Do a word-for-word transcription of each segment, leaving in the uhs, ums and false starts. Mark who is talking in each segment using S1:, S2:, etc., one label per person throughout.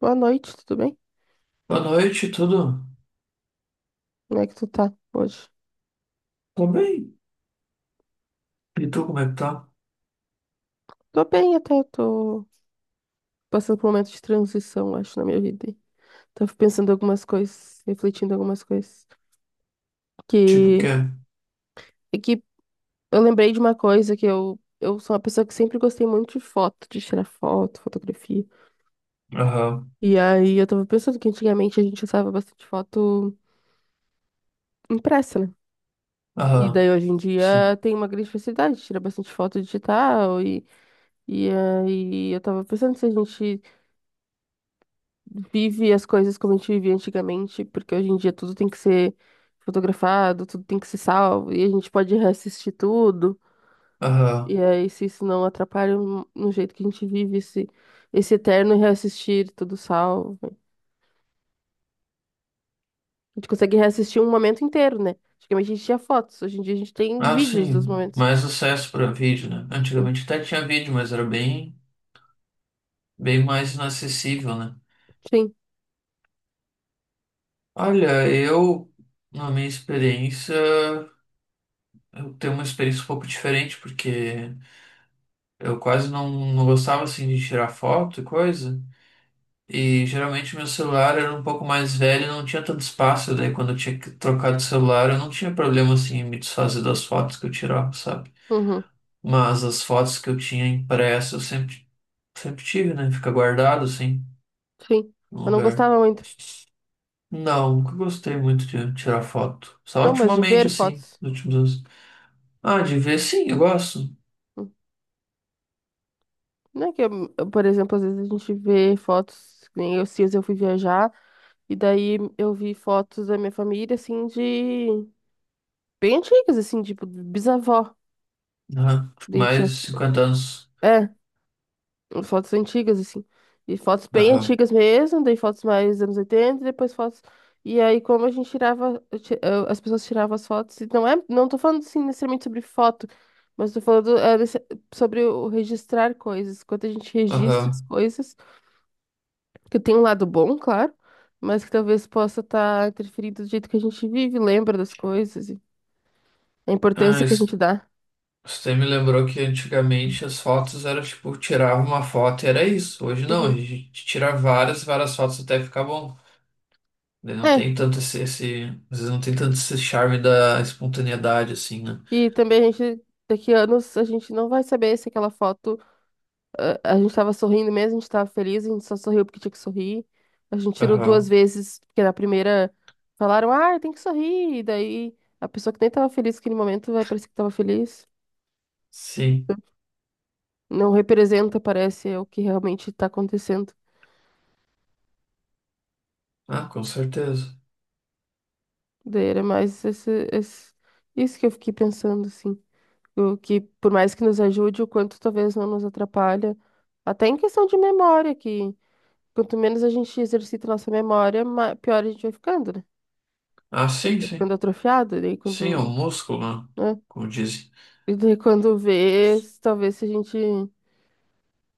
S1: Boa noite, tudo bem?
S2: Boa noite, tudo?
S1: Como é que tu tá hoje?
S2: Tô bem. E tu, como é que tá?
S1: Tô bem até, tô passando por um momento de transição, acho, na minha vida, aí. Tava pensando algumas coisas, refletindo algumas coisas.
S2: Tipo, o
S1: Que,
S2: quê?
S1: é que eu lembrei de uma coisa que eu, eu sou uma pessoa que sempre gostei muito de foto, de tirar foto, fotografia.
S2: Aham,
S1: E aí eu tava pensando que antigamente a gente usava bastante foto impressa, né? E
S2: aham,
S1: daí hoje em
S2: sim,
S1: dia tem uma grande facilidade de tirar bastante foto digital e, e aí eu tava pensando se a gente vive as coisas como a gente vivia antigamente, porque hoje em dia tudo tem que ser fotografado, tudo tem que ser salvo, e a gente pode reassistir tudo. E
S2: aham.
S1: aí, se isso não atrapalha no no jeito que a gente vive esse, esse eterno reassistir tudo salvo. A gente consegue reassistir um momento inteiro, né? Antigamente a gente tinha fotos, hoje em dia a gente tem
S2: Ah,
S1: vídeos dos
S2: sim,
S1: momentos.
S2: mais acesso pra vídeo, né?
S1: Hum.
S2: Antigamente até tinha vídeo, mas era bem, bem mais inacessível, né?
S1: Sim.
S2: Olha, eu, na minha experiência, eu tenho uma experiência um pouco diferente, porque eu quase não, não gostava, assim, de tirar foto e coisa. E geralmente meu celular era um pouco mais velho, não tinha tanto espaço, daí quando eu tinha que trocar de celular, eu não tinha problema assim em me desfazer das fotos que eu tirava, sabe?
S1: Uhum.
S2: Mas as fotos que eu tinha impressa, eu sempre, sempre tive, né? Fica guardado assim,
S1: Sim.
S2: no
S1: Eu não
S2: lugar.
S1: gostava muito.
S2: Não, nunca gostei muito de tirar foto. Só
S1: Não, mas de
S2: ultimamente,
S1: ver
S2: assim,
S1: fotos.
S2: nos últimos anos. Ah, de ver, sim, eu gosto.
S1: Hum. Não é que, eu- eu, por exemplo, às vezes a gente vê fotos, que nem eu, se eu fui viajar. E daí eu vi fotos da minha família, assim, de... bem antigas, assim, tipo, bisavó.
S2: Aham.
S1: Daí tinha,
S2: Mais de
S1: uns-
S2: cinquenta anos.
S1: é, fotos antigas, assim. E fotos bem
S2: Aham,
S1: antigas mesmo, daí fotos mais anos oitenta e depois fotos. E aí, como a gente tirava, eu ti- eu- as pessoas tiravam as fotos, e não é. Não tô falando, assim, necessariamente sobre foto, mas tô falando, é, nesse- sobre o registrar coisas. Quando a gente registra as
S2: aham.
S1: coisas, que tem um lado bom, claro, mas que talvez possa estar interferindo do jeito que a gente vive, lembra das coisas. A importância
S2: Ah,
S1: que a gente dá.
S2: você me lembrou que antigamente as fotos eram tipo, tirava uma foto e era isso. Hoje não, a
S1: Uhum.
S2: gente tira várias, várias fotos até ficar bom. Daí não
S1: É,
S2: tem tanto esse, esse, às vezes não tem tanto esse charme da espontaneidade assim, né?
S1: e também a gente, daqui a anos, a gente não vai saber se aquela foto, eh, a gente tava sorrindo mesmo, a gente tava feliz, a gente só sorriu porque tinha que sorrir. A gente tirou duas
S2: Aham.
S1: vezes, porque na primeira falaram, ah, tem que sorrir, e daí a pessoa que nem tava feliz naquele momento vai parecer que tava feliz.
S2: Sim.
S1: Não representa, parece, é o que realmente tá acontecendo.
S2: Ah, com certeza.
S1: Daí era mais esse, esse, isso que eu fiquei pensando, assim. O que, por mais que nos ajude, o quanto talvez não nos atrapalha. Até em questão de memória, que quanto menos a gente exercita nossa memória, ma- pior a gente vai ficando, né?
S2: Ah, sim,
S1: Vai
S2: sim.
S1: ficando atrofiado, daí
S2: Sim, é um
S1: quando,
S2: músculo, né?
S1: né?
S2: Como dizem.
S1: E daí quando vê, s- talvez se a gente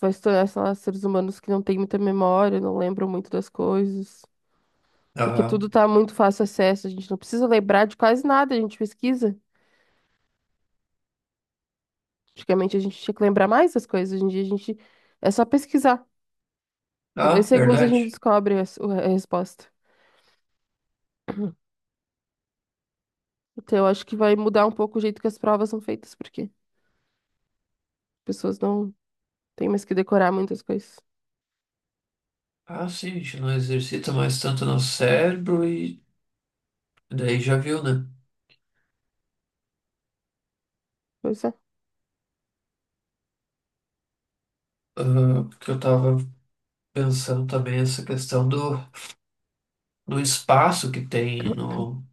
S1: vai se tornar, sei lá, seres humanos que não têm muita memória, não lembram muito das coisas. Porque tudo
S2: Aham.
S1: tá muito fácil acesso, a gente não precisa lembrar de quase nada, a gente pesquisa. Antigamente a gente tinha que lembrar mais das coisas, hoje em dia a gente é só pesquisar. Em dois
S2: Ah,
S1: segundos a gente
S2: verdade.
S1: descobre a, s- a resposta. Então eu acho que vai mudar um pouco o jeito que as provas são feitas, porque as pessoas não têm mais que decorar muitas coisas.
S2: Ah, sim, a gente não exercita mais tanto no cérebro e daí já viu, né?
S1: Pois é.
S2: Ah, porque eu tava pensando também essa questão do do espaço que tem no,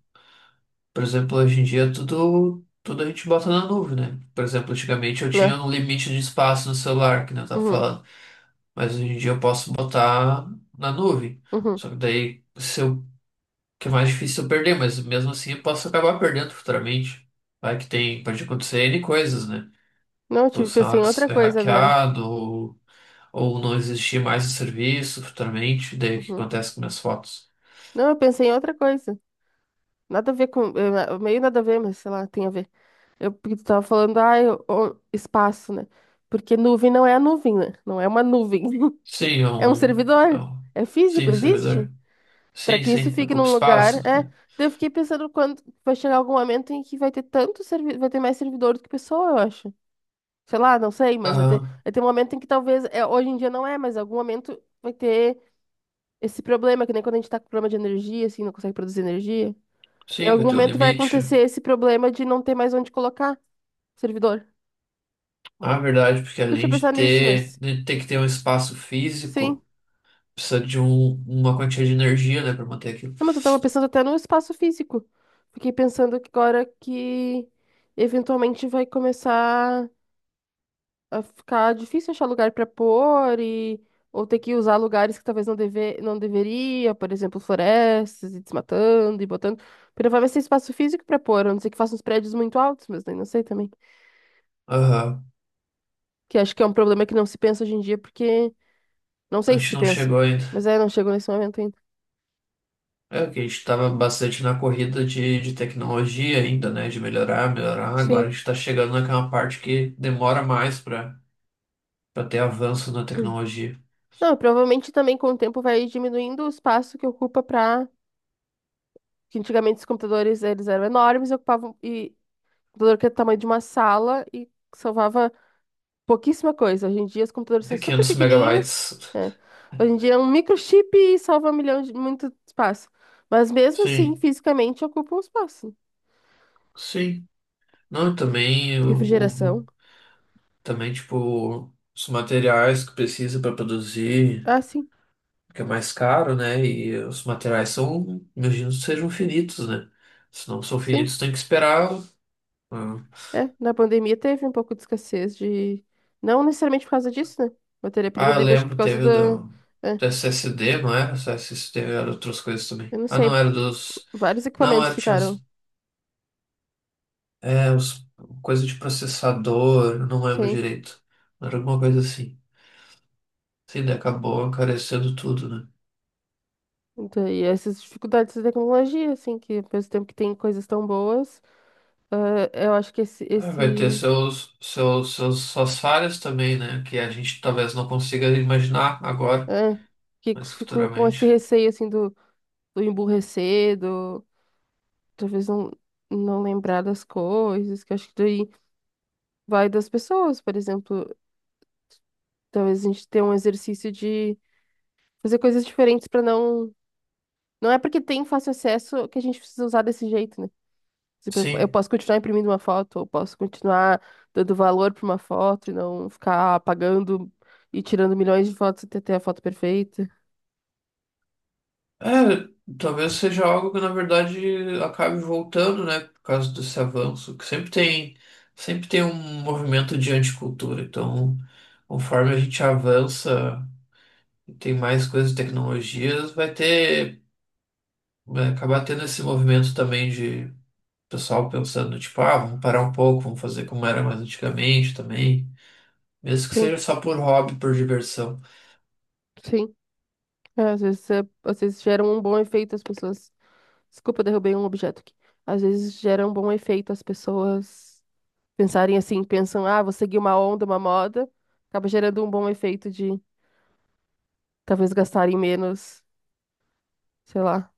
S2: por exemplo, hoje em dia tudo tudo a gente bota na nuvem, né? Por exemplo, antigamente eu tinha
S1: Né?
S2: um limite de espaço no celular, que nem eu tava
S1: Uhum,
S2: falando, mas hoje em dia eu posso botar na nuvem.
S1: uhum.
S2: Só que daí se eu, que é mais difícil eu perder, mas mesmo assim eu posso acabar perdendo futuramente. Vai que tem, pode acontecer N coisas, né?
S1: Não, eu
S2: Tipo,
S1: tive,
S2: sei
S1: pensei em
S2: lá,
S1: outra
S2: ser
S1: coisa agora.
S2: hackeado ou, ou não existir mais o serviço futuramente, daí o que
S1: Uhum.
S2: acontece com minhas fotos?
S1: Não, eu pensei em outra coisa. Nada a ver com, eh, meio nada a ver, mas sei lá, tem a ver. Eu, porque tu tava falando, ah, eu- o- espaço, né? Porque nuvem não é a nuvem, né? Não é uma nuvem.
S2: Sim, é
S1: É um
S2: um, é
S1: servidor.
S2: um-
S1: É físico,
S2: Sim,
S1: existe?
S2: servidor.
S1: Pra
S2: Sim,
S1: que isso
S2: sim,
S1: fique
S2: ocupa
S1: num lugar,
S2: espaço,
S1: é.
S2: né?
S1: Daí eu fiquei pensando quando vai chegar algum momento em que vai ter tanto servi... vai ter mais servidor do que pessoa, eu acho. Sei lá, não sei, mas vai ter,
S2: Aham.
S1: vai ter um momento em que talvez, é, hoje em dia não é, mas em algum momento vai ter esse problema, que nem quando a gente tá com problema de energia, assim, não consegue produzir energia. Em
S2: Sim,
S1: algum
S2: vai ter um
S1: momento vai
S2: limite.
S1: acontecer esse problema de não ter mais onde colocar servidor.
S2: Ah, é verdade, porque
S1: Nunca tinha
S2: além de
S1: pensado nisso,
S2: ter,
S1: mas
S2: de ter que ter um espaço
S1: sim.
S2: físico, precisa de um, uma quantia de energia, né, para manter aquilo.
S1: Não, mas eu tava pensando até no espaço físico. Fiquei pensando que agora que eventualmente vai começar a ficar difícil achar lugar para pôr e, ou ter que usar lugares que talvez não deve, não deveria, por exemplo, florestas e desmatando e botando. Porque vai ser espaço físico para pôr, a não ser que faça uns prédios muito altos, mas daí não sei também.
S2: Aham,
S1: Que acho que é um problema que não se pensa hoje em dia, porque não
S2: A
S1: sei se
S2: gente
S1: se
S2: não
S1: pensa,
S2: chegou ainda.
S1: mas é, não chegou nesse momento ainda.
S2: É que a gente estava bastante na corrida de, de tecnologia ainda, né? De melhorar, melhorar. Agora
S1: Sim.
S2: a gente está chegando naquela parte que demora mais para para ter avanço na tecnologia.
S1: Não, provavelmente também com o tempo vai diminuindo o espaço que ocupa, para que antigamente os computadores eles eram enormes, e ocupavam e computador que é do tamanho de uma sala e salvava pouquíssima coisa. Hoje em dia os computadores são
S2: É
S1: super
S2: 500
S1: pequenininhos,
S2: megabytes.
S1: né? Hoje em dia é um microchip e salva um milhão de muito espaço. Mas mesmo assim,
S2: Sim,
S1: fisicamente ocupa um espaço.
S2: sim. Não, e também o,
S1: Refrigeração.
S2: também, tipo, os materiais que precisa para produzir,
S1: Ah, sim.
S2: que é mais caro, né? E os materiais são, imagino, sejam finitos, né? Se não são
S1: Sim.
S2: finitos, tem que esperar. Ah,
S1: É. Na pandemia teve um pouco de escassez de. Não necessariamente por causa disso, né? Matéria-prima,
S2: ah, eu
S1: daí acho que por
S2: lembro,
S1: causa
S2: teve
S1: da.
S2: o da,
S1: é,
S2: do S S D, não era? Só S S D, era outras coisas também.
S1: Eu não
S2: Ah, não,
S1: sei.
S2: era dos.
S1: Vários
S2: Não,
S1: equipamentos
S2: era, tinha
S1: ficaram,
S2: os, é, os, coisa de processador, eu não lembro
S1: sim.
S2: direito. Era alguma coisa assim. Sim, daí acabou encarecendo tudo, né?
S1: Então, e essas dificuldades da tecnologia, assim, que ao mesmo tempo que tem coisas tão boas, ah, eu acho que esse,
S2: É, vai ter
S1: esse
S2: seus, seus, seus, suas falhas também, né? Que a gente talvez não consiga imaginar agora,
S1: é, que
S2: mas
S1: ficou com esse
S2: futuramente.
S1: receio assim do, do, emburrecer, do talvez não, não lembrar das coisas, que eu acho que daí vai das pessoas, por exemplo, talvez a gente tenha um exercício de fazer coisas diferentes para não. Não é porque tem fácil acesso que a gente precisa usar desse jeito, né? Tipo, eu eu
S2: Sim.
S1: posso continuar imprimindo uma foto, eu posso continuar dando valor para uma foto e não ficar apagando e tirando milhões de fotos até ter a foto perfeita.
S2: É, talvez seja algo que na verdade acabe voltando, né? Por causa desse avanço, que sempre tem, sempre tem um movimento de anticultura. Então, conforme a gente avança e tem mais coisas e tecnologias, vai ter, vai acabar tendo esse movimento também de pessoal pensando, tipo, ah, vamos parar um pouco, vamos fazer como era mais antigamente também. Mesmo que
S1: Sim,
S2: seja só por hobby, por diversão.
S1: sim. É, às vezes, é- às vezes geram um bom efeito as pessoas. Desculpa, eu derrubei um objeto aqui. Às vezes gera um bom efeito as pessoas pensarem assim, pensam, ah, vou seguir uma onda, uma moda, acaba gerando um bom efeito de talvez gastarem menos, sei lá,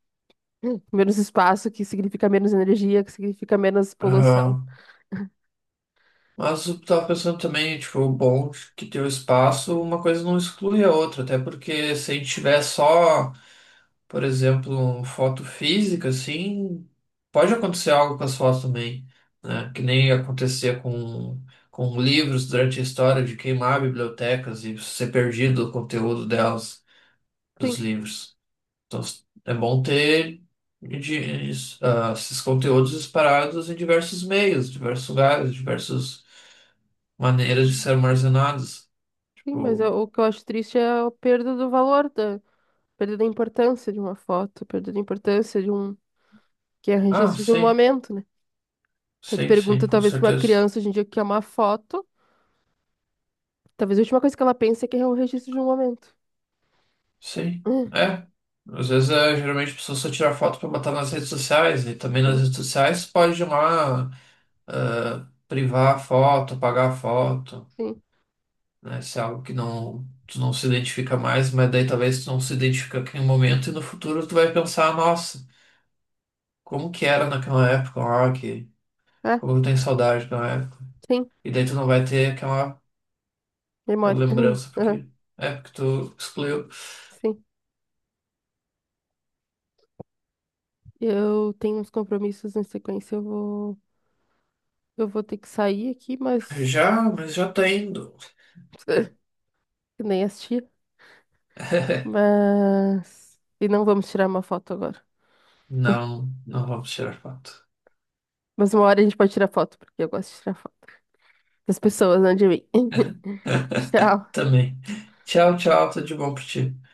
S1: menos espaço, que significa menos energia, que significa menos poluição.
S2: Aham. Mas eu tava pensando também, tipo, o bom de que ter o espaço, uma coisa não exclui a outra, até porque se a gente tiver só, por exemplo, um foto física, assim, pode acontecer algo com as fotos também, né? Que nem acontecia com, com livros durante a história de queimar bibliotecas e ser perdido o conteúdo delas, dos
S1: Sim,
S2: livros. Então, é bom ter de- isso, ah, esses conteúdos espalhados em diversos meios, diversos lugares, diversas maneiras de ser armazenados.
S1: sim, mas
S2: Tipo,
S1: eu- o que eu acho triste é a perda do valor, da perda da importância de uma foto, perda da importância de um, que é
S2: ah,
S1: registro de um
S2: sim,
S1: momento, né? Aí tu
S2: sim, sim,
S1: pergunta,
S2: com
S1: talvez, pra uma
S2: certeza.
S1: criança hoje em dia o que é uma foto, talvez a última coisa que ela pense é que é o registro de um momento.
S2: Sim,
S1: Hum,
S2: é. Às vezes, é, geralmente, a pessoa só tira foto para botar nas redes sociais, e também nas
S1: hum.
S2: redes sociais pode ir lá ah, privar a foto, apagar a foto,
S1: Sim,
S2: né? Se é algo que não, tu não se identifica mais, mas daí talvez tu não se identifica aqui no momento e no futuro tu vai pensar, nossa. Como que era naquela época o rock,
S1: é,
S2: como eu tem saudade daquela época.
S1: sim,
S2: E daí tu não vai ter aquela,
S1: memória.
S2: aquela
S1: Aham,
S2: lembrança,
S1: aham.
S2: porque é porque tu excluiu.
S1: Sim. Eu tenho uns compromissos na sequência, eu vou, eu vou, ter que sair aqui, mas
S2: Já, mas já tá indo.
S1: que nem assistir. Mas e não vamos tirar uma foto agora.
S2: Não, não vamos tirar foto.
S1: Mas uma hora a gente pode tirar foto, porque eu gosto de tirar foto das pessoas, não de mim. Tchau.
S2: Também. Tchau, tchau, tudo de bom pra ti.